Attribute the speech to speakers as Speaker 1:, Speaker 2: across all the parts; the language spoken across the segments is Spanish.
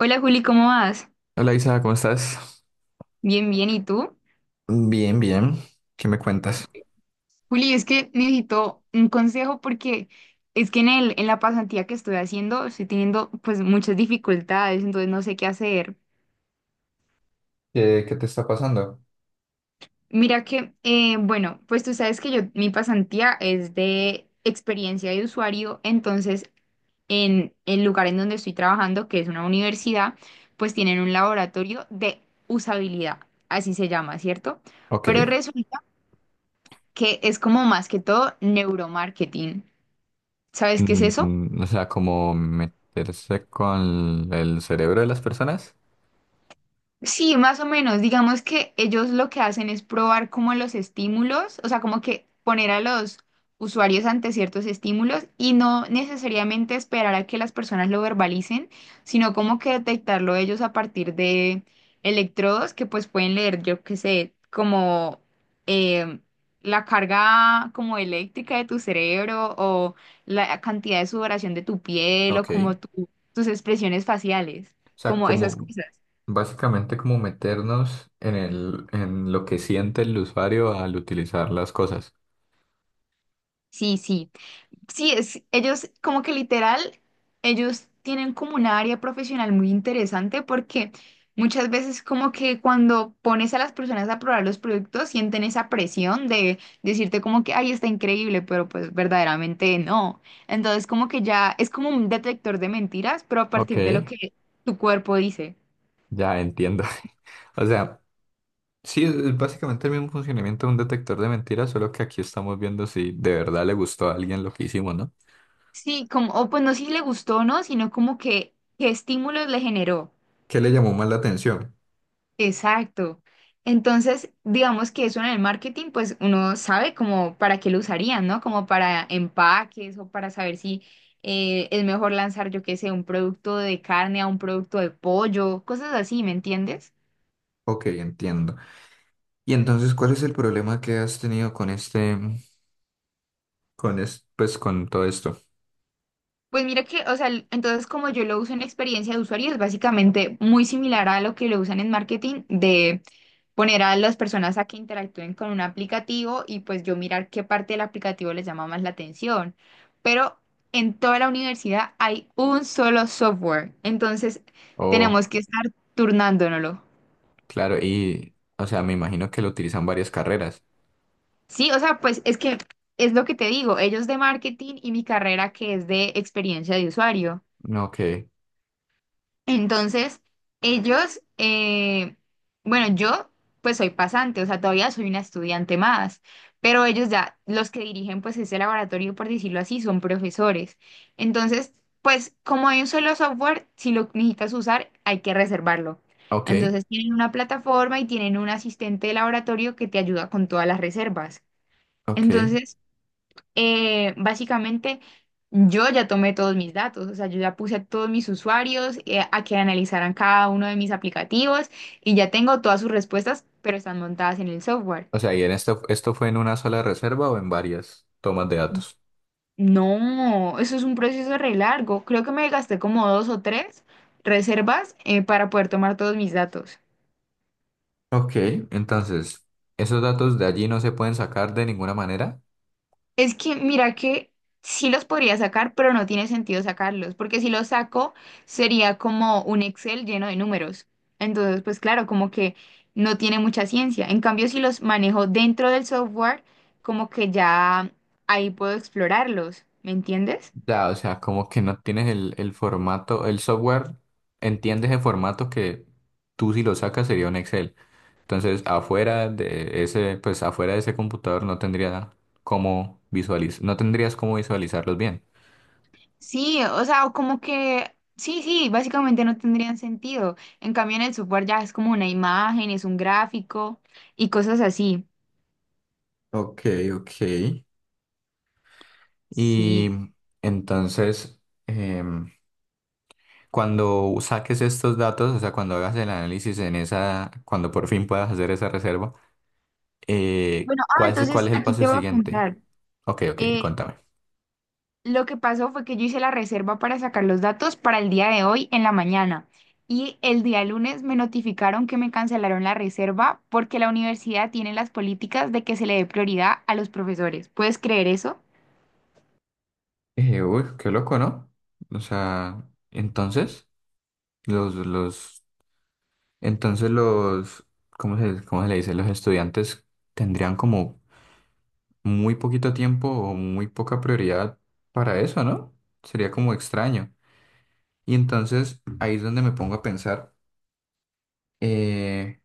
Speaker 1: Hola Juli, ¿cómo vas?
Speaker 2: Hola Isa, ¿cómo estás?
Speaker 1: Bien, bien, ¿y tú?
Speaker 2: Bien, bien. ¿Qué me cuentas?
Speaker 1: Juli, es que necesito un consejo porque es que en la pasantía que estoy haciendo estoy teniendo pues muchas dificultades, entonces no sé qué hacer.
Speaker 2: ¿Qué te está pasando?
Speaker 1: Mira que, bueno, pues tú sabes que yo, mi pasantía es de experiencia de usuario, entonces en el lugar en donde estoy trabajando, que es una universidad, pues tienen un laboratorio de usabilidad, así se llama, ¿cierto? Pero
Speaker 2: Ok.
Speaker 1: resulta que es como más que todo neuromarketing. ¿Sabes qué es eso?
Speaker 2: Mm, o sea, como meterse con el cerebro de las personas.
Speaker 1: Sí, más o menos. Digamos que ellos lo que hacen es probar como los estímulos, o sea, como que poner a los usuarios ante ciertos estímulos y no necesariamente esperar a que las personas lo verbalicen, sino como que detectarlo ellos a partir de electrodos que pues pueden leer, yo qué sé, como em, la carga como eléctrica de tu cerebro o la cantidad de sudoración de tu piel o
Speaker 2: Ok. O
Speaker 1: como tus expresiones faciales,
Speaker 2: sea,
Speaker 1: como esas
Speaker 2: como
Speaker 1: cosas.
Speaker 2: básicamente como meternos en lo que siente el usuario al utilizar las cosas.
Speaker 1: Sí, sí. Sí, es, ellos como que literal, ellos tienen como una área profesional muy interesante porque muchas veces como que cuando pones a las personas a probar los productos sienten esa presión de decirte como que, ay, está increíble, pero pues verdaderamente no. Entonces como que ya es como un detector de mentiras, pero a
Speaker 2: Ok,
Speaker 1: partir de lo que tu cuerpo dice.
Speaker 2: ya entiendo. O sea, sí, es básicamente el mismo funcionamiento de un detector de mentiras, solo que aquí estamos viendo si de verdad le gustó a alguien lo que hicimos, ¿no?
Speaker 1: Sí, como, o pues no si le gustó o no, sino como que qué estímulos le generó.
Speaker 2: ¿Qué le llamó más la atención?
Speaker 1: Exacto. Entonces, digamos que eso en el marketing, pues uno sabe como para qué lo usarían, ¿no? Como para empaques o para saber si es mejor lanzar, yo qué sé, un producto de carne a un producto de pollo, cosas así, ¿me entiendes?
Speaker 2: Ok, entiendo. Y entonces, ¿cuál es el problema que has tenido con este, pues con todo esto?
Speaker 1: Pues mira que, o sea, entonces como yo lo uso en experiencia de usuario, es básicamente muy similar a lo que lo usan en marketing, de poner a las personas a que interactúen con un aplicativo y pues yo mirar qué parte del aplicativo les llama más la atención. Pero en toda la universidad hay un solo software, entonces tenemos
Speaker 2: Oh,
Speaker 1: que estar turnándonoslo.
Speaker 2: claro, y, o sea, me imagino que lo utilizan varias carreras.
Speaker 1: Sí, o sea, pues es que es lo que te digo, ellos de marketing y mi carrera que es de experiencia de usuario.
Speaker 2: Ok,
Speaker 1: Entonces, ellos, bueno, yo pues soy pasante, o sea, todavía soy una estudiante más, pero ellos ya, los que dirigen pues ese laboratorio, por decirlo así, son profesores. Entonces, pues como hay un solo software, si lo necesitas usar, hay que reservarlo.
Speaker 2: ok,
Speaker 1: Entonces, tienen una plataforma y tienen un asistente de laboratorio que te ayuda con todas las reservas.
Speaker 2: ok.
Speaker 1: Entonces, básicamente yo ya tomé todos mis datos, o sea, yo ya puse a todos mis usuarios a que analizaran cada uno de mis aplicativos y ya tengo todas sus respuestas, pero están montadas en el software.
Speaker 2: O sea, ¿y en esto, esto fue en una sola reserva o en varias tomas de datos?
Speaker 1: No, eso es un proceso re largo. Creo que me gasté como dos o tres reservas para poder tomar todos mis datos.
Speaker 2: Ok, entonces, ¿esos datos de allí no se pueden sacar de ninguna manera?
Speaker 1: Es que mira que sí los podría sacar, pero no tiene sentido sacarlos, porque si los saco sería como un Excel lleno de números. Entonces, pues claro, como que no tiene mucha ciencia. En cambio, si los manejo dentro del software, como que ya ahí puedo explorarlos, ¿me entiendes?
Speaker 2: Ya, o sea, como que no tienes el formato, el software entiende ese formato que tú si lo sacas sería un Excel. Entonces, pues afuera de ese computador no tendría cómo visualiz no tendrías cómo visualizarlos bien.
Speaker 1: Sí, o sea, o como que sí, sí, básicamente no tendrían sentido. En cambio, en el software ya es como una imagen, es un gráfico y cosas así.
Speaker 2: Ok, ok. Y
Speaker 1: Sí.
Speaker 2: entonces, em, cuando saques estos datos, o sea, cuando hagas el análisis en esa, cuando por fin puedas hacer esa reserva,
Speaker 1: Bueno, ah,
Speaker 2: ¿cuál
Speaker 1: entonces
Speaker 2: es el
Speaker 1: aquí
Speaker 2: paso
Speaker 1: te voy a
Speaker 2: siguiente?
Speaker 1: contar.
Speaker 2: Ok, ok,
Speaker 1: Eh,
Speaker 2: contame.
Speaker 1: lo que pasó fue que yo hice la reserva para sacar los datos para el día de hoy en la mañana y el día lunes me notificaron que me cancelaron la reserva porque la universidad tiene las políticas de que se le dé prioridad a los profesores. ¿Puedes creer eso?
Speaker 2: Uy, qué loco, ¿no? O sea, entonces, los, los, entonces los, ¿cómo se le dice? Los estudiantes tendrían como muy poquito tiempo o muy poca prioridad para eso, ¿no? Sería como extraño. Y entonces ahí es donde me pongo a pensar eh,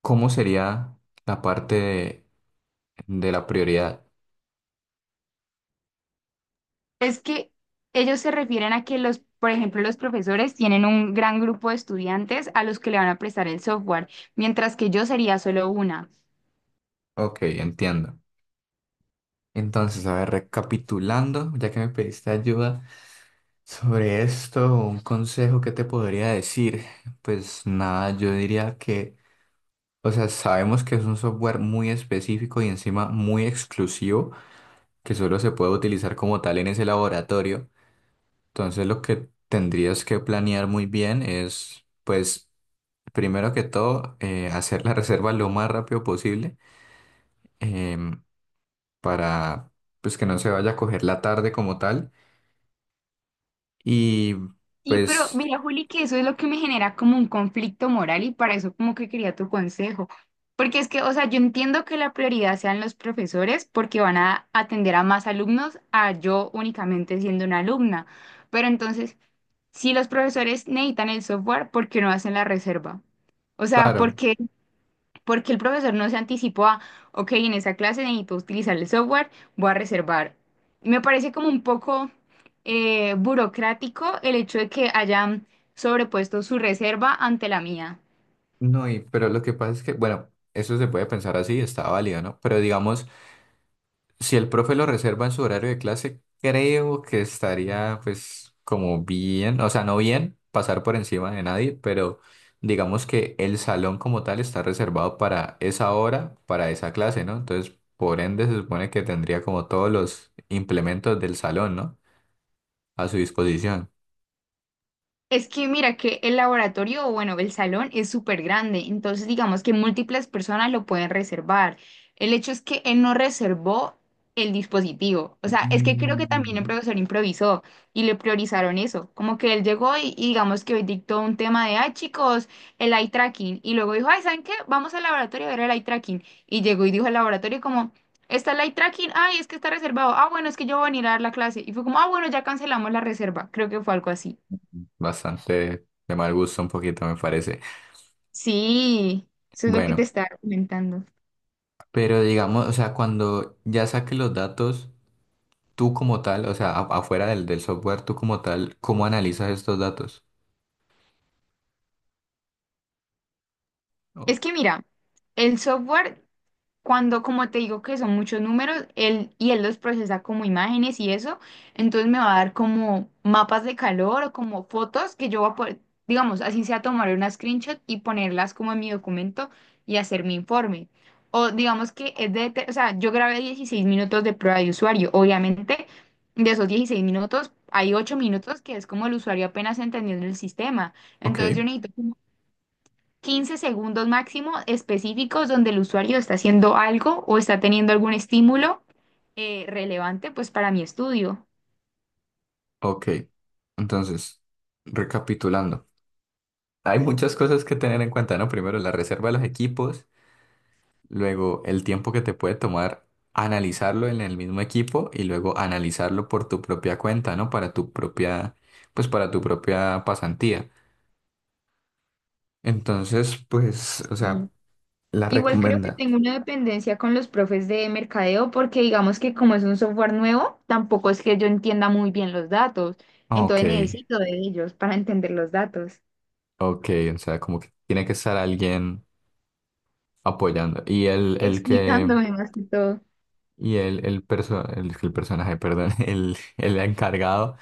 Speaker 2: cómo sería la parte de, de la prioridad.
Speaker 1: Es que ellos se refieren a que los, por ejemplo, los profesores tienen un gran grupo de estudiantes a los que le van a prestar el software, mientras que yo sería solo una.
Speaker 2: Ok, entiendo. Entonces, a ver, recapitulando, ya que me pediste ayuda sobre esto, un consejo que te podría decir, pues nada, yo diría que, o sea, sabemos que es un software muy específico y encima muy exclusivo, que solo se puede utilizar como tal en ese laboratorio. Entonces, lo que tendrías que planear muy bien es, pues, primero que todo, hacer la reserva lo más rápido posible, em, para, pues, que no se vaya a coger la tarde como tal y,
Speaker 1: Sí, pero
Speaker 2: pues,
Speaker 1: mira, Juli, que eso es lo que me genera como un conflicto moral y para eso como que quería tu consejo. Porque es que, o sea, yo entiendo que la prioridad sean los profesores porque van a atender a más alumnos a yo únicamente siendo una alumna. Pero entonces, si los profesores necesitan el software, ¿por qué no hacen la reserva? O sea,
Speaker 2: claro.
Speaker 1: porque el profesor no se anticipó a, ok, en esa clase necesito utilizar el software, voy a reservar. Me parece como un poco burocrático el hecho de que hayan sobrepuesto su reserva ante la mía.
Speaker 2: No, y, pero lo que pasa es que, bueno, eso se puede pensar así, está válido, ¿no? Pero digamos, si el profe lo reserva en su horario de clase, creo que estaría, pues, como bien, o sea, no bien pasar por encima de nadie, pero digamos que el salón como tal está reservado para esa hora, para esa clase, ¿no? Entonces, por ende, se supone que tendría como todos los implementos del salón, ¿no? A su disposición.
Speaker 1: Es que mira que el laboratorio, o bueno, el salón es súper grande, entonces digamos que múltiples personas lo pueden reservar. El hecho es que él no reservó el dispositivo. O sea, es que creo que también el
Speaker 2: Mm.
Speaker 1: profesor improvisó y le priorizaron eso. Como que él llegó y digamos que hoy dictó un tema de, ay chicos, el eye tracking. Y luego dijo, ay, ¿saben qué? Vamos al laboratorio a ver el eye tracking. Y llegó y dijo al laboratorio como... Está el eye tracking, ay, es que está reservado. Ah, bueno, es que yo voy a venir a dar la clase. Y fue como, ah, bueno, ya cancelamos la reserva. Creo que fue algo así.
Speaker 2: Bastante de mal gusto un poquito, me parece.
Speaker 1: Sí, eso es lo que te
Speaker 2: Bueno.
Speaker 1: estaba comentando.
Speaker 2: Pero digamos, o sea, cuando ya saques los datos, tú como tal, o sea, afuera del software, tú como tal, ¿cómo analizas estos datos? Oh.
Speaker 1: Es que mira, el software, cuando, como te digo que son muchos números, él los procesa como imágenes y eso, entonces me va a dar como mapas de calor o como fotos que yo voy a poder, digamos, así sea tomar una screenshot y ponerlas como en mi documento y hacer mi informe. O digamos que es de, o sea, yo grabé 16 minutos de prueba de usuario. Obviamente, de esos 16 minutos, hay 8 minutos que es como el usuario apenas entendiendo el sistema.
Speaker 2: Ok,
Speaker 1: Entonces yo necesito 15 segundos máximo específicos donde el usuario está haciendo algo o está teniendo algún estímulo relevante pues para mi estudio.
Speaker 2: ok. Entonces, recapitulando, hay muchas cosas que tener en cuenta, ¿no? Primero, la reserva de los equipos, luego el tiempo que te puede tomar analizarlo en el mismo equipo y luego analizarlo por tu propia cuenta, ¿no? Para tu propia, pues para tu propia pasantía. Entonces, pues, o sea,
Speaker 1: Y
Speaker 2: la
Speaker 1: igual creo que
Speaker 2: recomienda.
Speaker 1: tengo una dependencia con los profes de mercadeo porque digamos que como es un software nuevo, tampoco es que yo entienda muy bien los datos.
Speaker 2: Ok.
Speaker 1: Entonces necesito de ellos para entender los datos,
Speaker 2: Ok, o sea, como que tiene que estar alguien apoyando.
Speaker 1: explicándome más que todo.
Speaker 2: Y el personaje, perdón, el encargado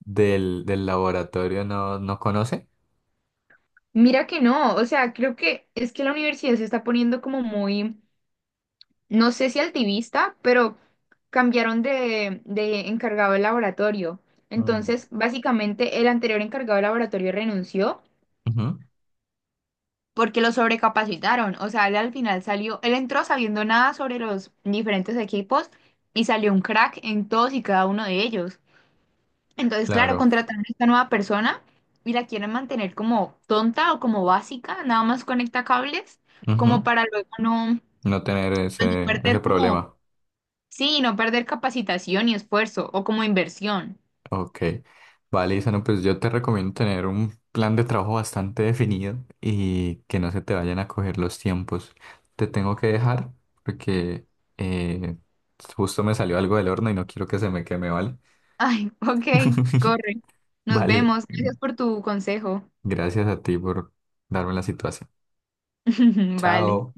Speaker 2: del laboratorio no, no conoce.
Speaker 1: Mira que no, o sea, creo que es que la universidad se está poniendo como muy no sé si altivista, pero cambiaron de encargado del laboratorio.
Speaker 2: Mm.
Speaker 1: Entonces, básicamente, el anterior encargado del laboratorio renunció
Speaker 2: Ujú.
Speaker 1: porque lo sobrecapacitaron. O sea, él al final salió, él entró sabiendo nada sobre los diferentes equipos y salió un crack en todos y cada uno de ellos. Entonces, claro,
Speaker 2: Claro,
Speaker 1: contrataron a esta nueva persona y la quieren mantener como tonta o como básica, nada más conecta cables, como
Speaker 2: ujú.
Speaker 1: para luego no,
Speaker 2: No tener
Speaker 1: pues, no
Speaker 2: ese, ese
Speaker 1: perder como
Speaker 2: problema.
Speaker 1: sí, no perder capacitación y esfuerzo, o como inversión.
Speaker 2: Ok, vale, Isano, pues yo te recomiendo tener un plan de trabajo bastante definido y que no se te vayan a coger los tiempos. Te tengo que dejar porque eh, justo me salió algo del horno y no quiero que se me queme, ¿vale?
Speaker 1: Ay, ok, corre. Nos
Speaker 2: Vale,
Speaker 1: vemos. Gracias por tu consejo.
Speaker 2: gracias a ti por darme la situación.
Speaker 1: Vale.
Speaker 2: Chao.